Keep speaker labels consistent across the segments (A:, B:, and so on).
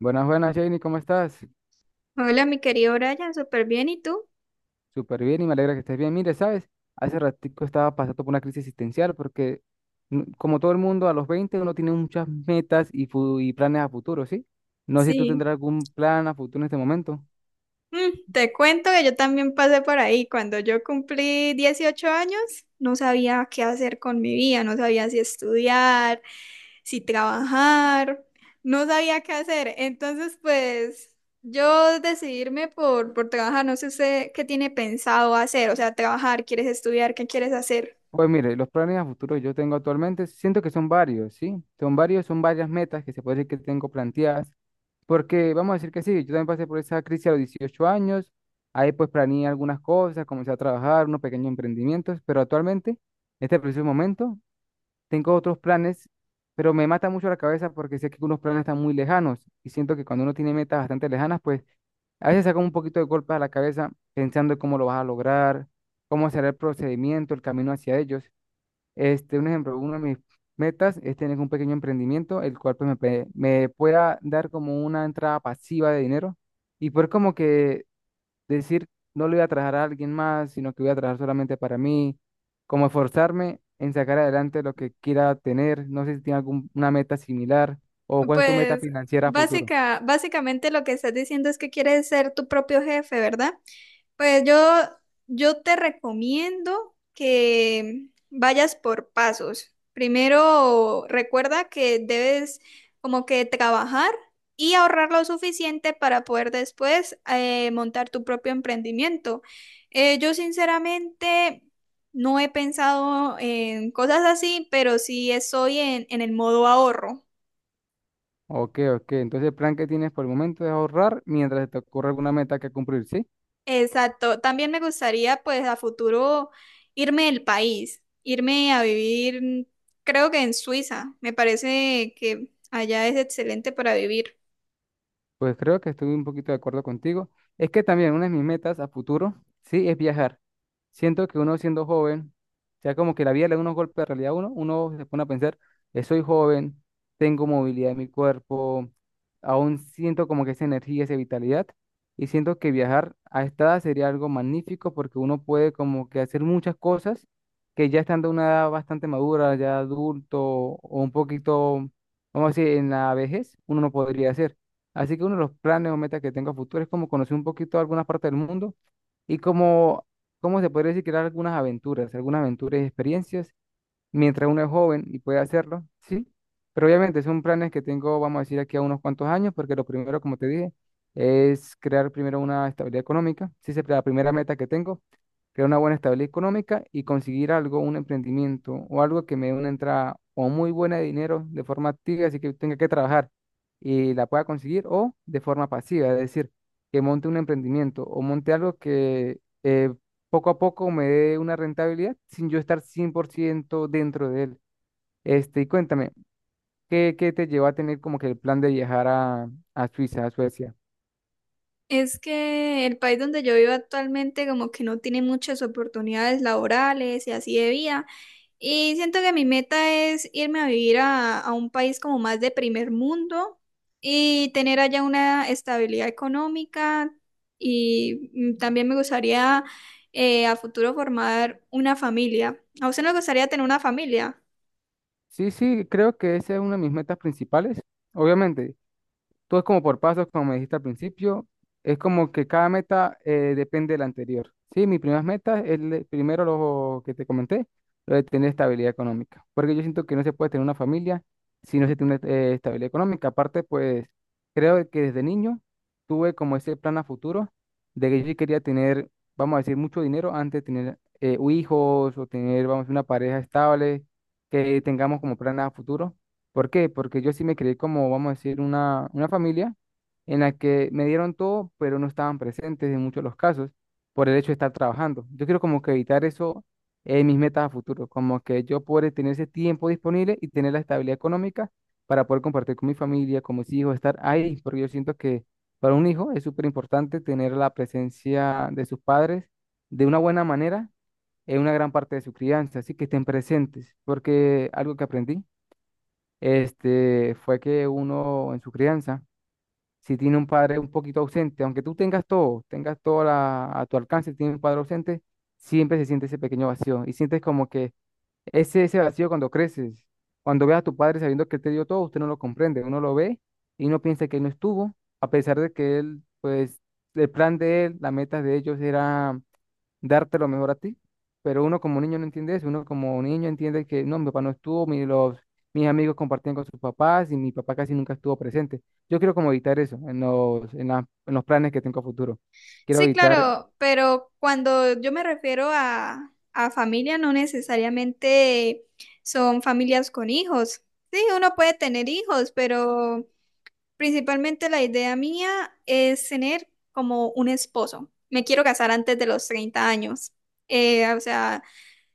A: Buenas, buenas, Janie, ¿cómo estás?
B: Hola, mi querido Brian, súper bien. ¿Y tú?
A: Súper bien y me alegra que estés bien. Mire, ¿sabes? Hace ratico estaba pasando por una crisis existencial porque, como todo el mundo, a los 20 uno tiene muchas metas y, y planes a futuro, ¿sí? No sé si tú
B: Sí.
A: tendrás algún plan a futuro en este momento.
B: Te cuento que yo también pasé por ahí. Cuando yo cumplí 18 años, no sabía qué hacer con mi vida, no sabía si estudiar, si trabajar, no sabía qué hacer. Entonces, pues yo decidirme por trabajar, no sé usted qué tiene pensado hacer, o sea, trabajar, ¿quieres estudiar? ¿Qué quieres hacer?
A: Pues mire, los planes a futuro que yo tengo actualmente, siento que son varios, ¿sí? Son varios, son varias metas que se puede decir que tengo planteadas. Porque vamos a decir que sí, yo también pasé por esa crisis a los 18 años, ahí pues planeé algunas cosas, comencé a trabajar, unos pequeños emprendimientos, pero actualmente, este preciso momento, tengo otros planes, pero me mata mucho la cabeza porque sé que unos planes están muy lejanos y siento que cuando uno tiene metas bastante lejanas, pues a veces saca un poquito de golpes a la cabeza pensando en cómo lo vas a lograr, cómo será el procedimiento, el camino hacia ellos. Este, un ejemplo, una de mis metas es tener un pequeño emprendimiento, el cual pues, me pueda dar como una entrada pasiva de dinero y poder como que decir, no le voy a trabajar a alguien más, sino que voy a trabajar solamente para mí, como esforzarme en sacar adelante lo que quiera tener. No sé si tiene alguna meta similar o cuál es tu meta
B: Pues
A: financiera a futuro.
B: básicamente lo que estás diciendo es que quieres ser tu propio jefe, ¿verdad? Pues yo te recomiendo que vayas por pasos. Primero, recuerda que debes como que trabajar y ahorrar lo suficiente para poder después montar tu propio emprendimiento. Yo sinceramente no he pensado en cosas así, pero sí estoy en el modo ahorro.
A: Ok, ok. Entonces el plan que tienes por el momento es ahorrar mientras se te ocurre alguna meta que cumplir, ¿sí?
B: Exacto. También me gustaría, pues, a futuro irme del país, irme a vivir, creo que en Suiza. Me parece que allá es excelente para vivir.
A: Pues creo que estoy un poquito de acuerdo contigo. Es que también una de mis metas a futuro, sí, es viajar. Siento que uno siendo joven, ya como que la vida le da unos golpes de realidad a uno, uno se pone a pensar, soy joven, tengo movilidad en mi cuerpo, aún siento como que esa energía, esa vitalidad, y siento que viajar a esta edad sería algo magnífico porque uno puede como que hacer muchas cosas que ya estando a una edad bastante madura, ya adulto o un poquito, vamos a decir, en la vejez, uno no podría hacer. Así que uno de los planes o metas que tengo a futuro es como conocer un poquito algunas partes del mundo y como se podría decir, crear algunas aventuras y experiencias mientras uno es joven y puede hacerlo, sí. Pero obviamente son planes que tengo, vamos a decir, aquí a unos cuantos años, porque lo primero, como te dije, es crear primero una estabilidad económica. Sí, esa es la primera meta que tengo, crear una buena estabilidad económica y conseguir algo, un emprendimiento o algo que me dé una entrada o muy buena de dinero de forma activa, así que tenga que trabajar y la pueda conseguir, o de forma pasiva, es decir, que monte un emprendimiento o monte algo que poco a poco me dé una rentabilidad sin yo estar 100% dentro de él. Este, y cuéntame, ¿qué te llevó a tener como que el plan de viajar a Suiza, a Suecia?
B: Es que el país donde yo vivo actualmente como que no tiene muchas oportunidades laborales y así de vida. Y siento que mi meta es irme a vivir a un país como más de primer mundo y tener allá una estabilidad económica. Y también me gustaría a futuro formar una familia. ¿A usted no le gustaría tener una familia?
A: Sí, sí, creo que esa es una de mis metas principales. Obviamente, todo es como por pasos, como me dijiste al principio. Es como que cada meta depende de la anterior. Sí, mis primeras metas es primero lo que te comenté, lo de tener estabilidad económica. Porque yo siento que no se puede tener una familia si no se tiene estabilidad económica. Aparte, pues creo que desde niño tuve como ese plan a futuro de que yo sí quería tener, vamos a decir, mucho dinero antes de tener hijos o tener, vamos a decir, una pareja estable, que tengamos como plan a futuro. ¿Por qué? Porque yo sí me creí como, vamos a decir, una familia en la que me dieron todo, pero no estaban presentes en muchos de los casos por el hecho de estar trabajando. Yo quiero como que evitar eso en mis metas a futuro, como que yo poder tener ese tiempo disponible y tener la estabilidad económica para poder compartir con mi familia, con mis hijos, estar ahí, porque yo siento que para un hijo es súper importante tener la presencia de sus padres de una buena manera en una gran parte de su crianza, así que estén presentes, porque algo que aprendí este, fue que uno en su crianza, si tiene un padre un poquito ausente, aunque tú tengas todo a tu alcance, tiene un padre ausente, siempre se siente ese pequeño vacío y sientes como que ese vacío cuando creces, cuando ves a tu padre sabiendo que él te dio todo, usted no lo comprende, uno lo ve y uno piensa que él no estuvo, a pesar de que él, pues, el plan de él, las metas de ellos era darte lo mejor a ti. Pero uno como niño no entiende eso, uno como niño entiende que no, mi papá no estuvo, mis amigos compartían con sus papás y mi papá casi nunca estuvo presente. Yo quiero como evitar eso en en los planes que tengo a futuro. Quiero
B: Sí,
A: evitar.
B: claro, pero cuando yo me refiero a familia, no necesariamente son familias con hijos. Sí, uno puede tener hijos, pero principalmente la idea mía es tener como un esposo. Me quiero casar antes de los 30 años. O sea,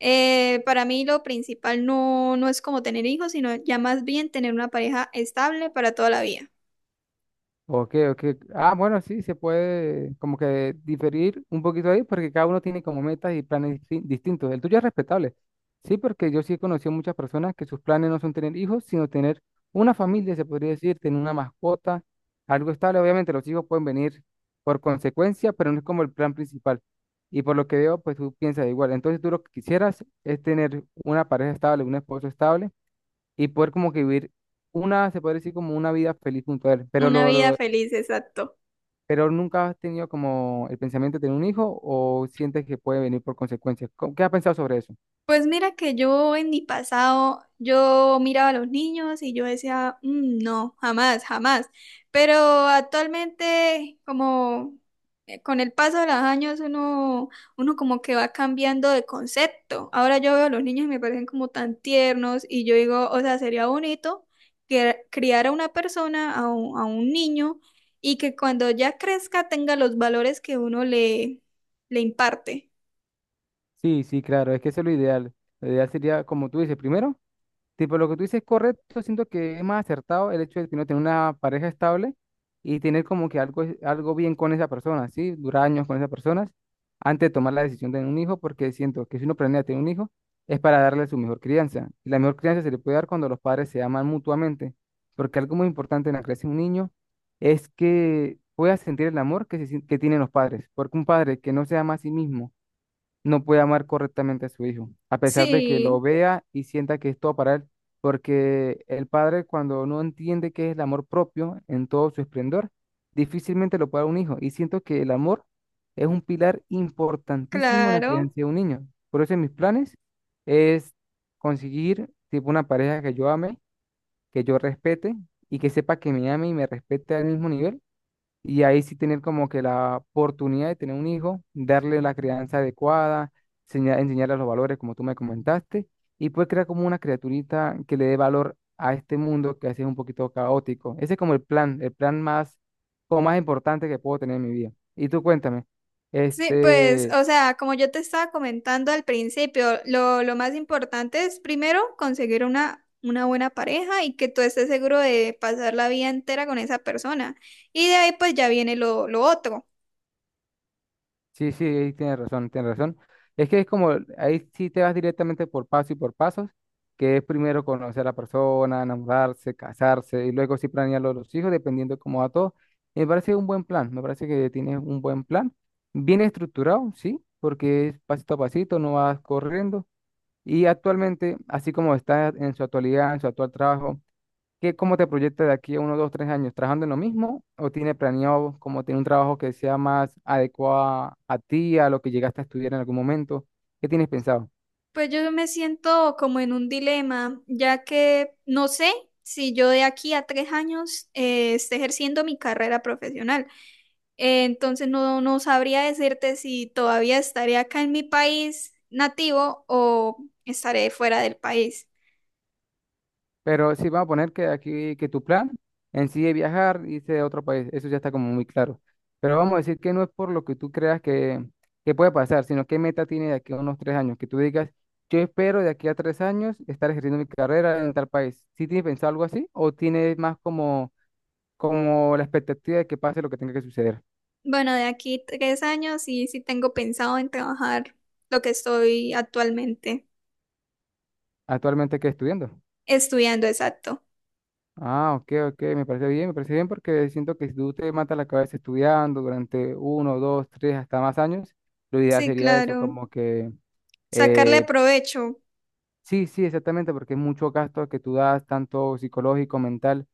B: para mí lo principal no es como tener hijos, sino ya más bien tener una pareja estable para toda la vida.
A: Ok, ok. Ah, bueno, sí, se puede como que diferir un poquito ahí porque cada uno tiene como metas y planes distintos. El tuyo es respetable. Sí, porque yo sí he conocido muchas personas que sus planes no son tener hijos, sino tener una familia, se podría decir, tener una mascota, algo estable. Obviamente los hijos pueden venir por consecuencia, pero no es como el plan principal. Y por lo que veo, pues tú piensas igual. Entonces tú lo que quisieras es tener una pareja estable, un esposo estable y poder como que vivir una, se puede decir como una vida feliz junto a él. Pero
B: Una vida
A: lo
B: feliz, exacto.
A: pero nunca has tenido como el pensamiento de tener un hijo o sientes que puede venir por consecuencias. ¿Qué has pensado sobre eso?
B: Pues mira que yo en mi pasado, yo miraba a los niños y yo decía, "Mm, no, jamás, jamás". Pero actualmente, como con el paso de los años, uno como que va cambiando de concepto. Ahora yo veo a los niños y me parecen como tan tiernos y yo digo, o sea, sería bonito que criar a una persona, a un niño, y que cuando ya crezca tenga los valores que uno le imparte.
A: Sí, sí, claro, es que eso es lo ideal. Lo ideal sería, como tú dices, primero. Tipo, lo que tú dices es correcto, siento que es más acertado el hecho de que uno tener una pareja estable y tener como que algo bien con esa persona, ¿sí? Durar años con esas personas antes de tomar la decisión de tener un hijo, porque siento que si uno planea tener un hijo es para darle su mejor crianza. Y la mejor crianza se le puede dar cuando los padres se aman mutuamente, porque algo muy importante en la creación de un niño es que pueda sentir el amor que tienen los padres, porque un padre que no se ama a sí mismo, no puede amar correctamente a su hijo, a pesar de que lo
B: Sí,
A: vea y sienta que es todo para él, porque el padre cuando no entiende qué es el amor propio en todo su esplendor, difícilmente lo puede dar a un hijo. Y siento que el amor es un pilar importantísimo en la crianza
B: claro.
A: de un niño. Por eso en mis planes es conseguir tipo una pareja que yo ame, que yo respete y que sepa que me ame y me respete al mismo nivel y ahí sí tener como que la oportunidad de tener un hijo, darle la crianza adecuada, enseñarle los valores como tú me comentaste, y pues crear como una criaturita que le dé valor a este mundo que a veces es un poquito caótico. Ese es como el plan más, como más importante que puedo tener en mi vida. Y tú cuéntame,
B: Sí, pues,
A: este.
B: o sea, como yo te estaba comentando al principio, lo más importante es primero conseguir una buena pareja y que tú estés seguro de pasar la vida entera con esa persona. Y de ahí pues ya viene lo otro.
A: Sí, sí, ahí tienes razón, tienes razón. Es que es como, ahí sí te vas directamente por paso y por pasos, que es primero conocer a la persona, enamorarse, casarse, y luego sí planear lo de los hijos, dependiendo de cómo va todo. Me parece un buen plan, me parece que tienes un buen plan, bien estructurado, sí, porque es pasito a pasito, no vas corriendo. Y actualmente, así como está en su actualidad, en su actual trabajo, ¿cómo te proyectas de aquí a uno, dos, tres años? ¿Trabajando en lo mismo o tiene planeado como tener un trabajo que sea más adecuado a ti, a lo que llegaste a estudiar en algún momento? ¿Qué tienes pensado?
B: Pues yo me siento como en un dilema, ya que no sé si yo de aquí a 3 años esté ejerciendo mi carrera profesional. Entonces no sabría decirte si todavía estaré acá en mi país nativo o estaré fuera del país.
A: Pero sí, vamos a poner que aquí, que tu plan en sí es viajar, irse a otro país, eso ya está como muy claro. Pero vamos a decir que no es por lo que tú creas que puede pasar, sino qué meta tienes de aquí a unos 3 años, que tú digas, yo espero de aquí a 3 años estar ejerciendo mi carrera en tal país. ¿Sí tienes pensado algo así o tienes más como la expectativa de que pase lo que tenga que suceder?
B: Bueno, de aquí 3 años sí tengo pensado en trabajar lo que estoy actualmente
A: Actualmente, ¿qué estudiando?
B: estudiando, exacto.
A: Ah, ok, ok, me parece bien porque siento que si tú te matas la cabeza estudiando durante uno, dos, tres, hasta más años, lo ideal
B: Sí,
A: sería eso,
B: claro.
A: como que
B: Sacarle
A: eh,
B: provecho.
A: sí, sí, exactamente, porque es mucho gasto que tú das, tanto psicológico, mental,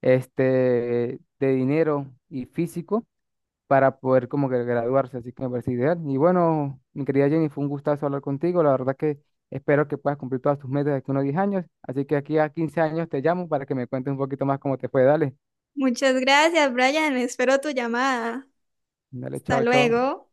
A: este, de dinero y físico para poder como que graduarse, así que me parece ideal. Y bueno, mi querida Jenny, fue un gustazo hablar contigo, la verdad que espero que puedas cumplir todas tus metas de aquí a unos 10 años, así que aquí a 15 años te llamo para que me cuentes un poquito más cómo te fue, dale,
B: Muchas gracias, Brian. Espero tu llamada.
A: dale,
B: Hasta
A: chao, chao.
B: luego.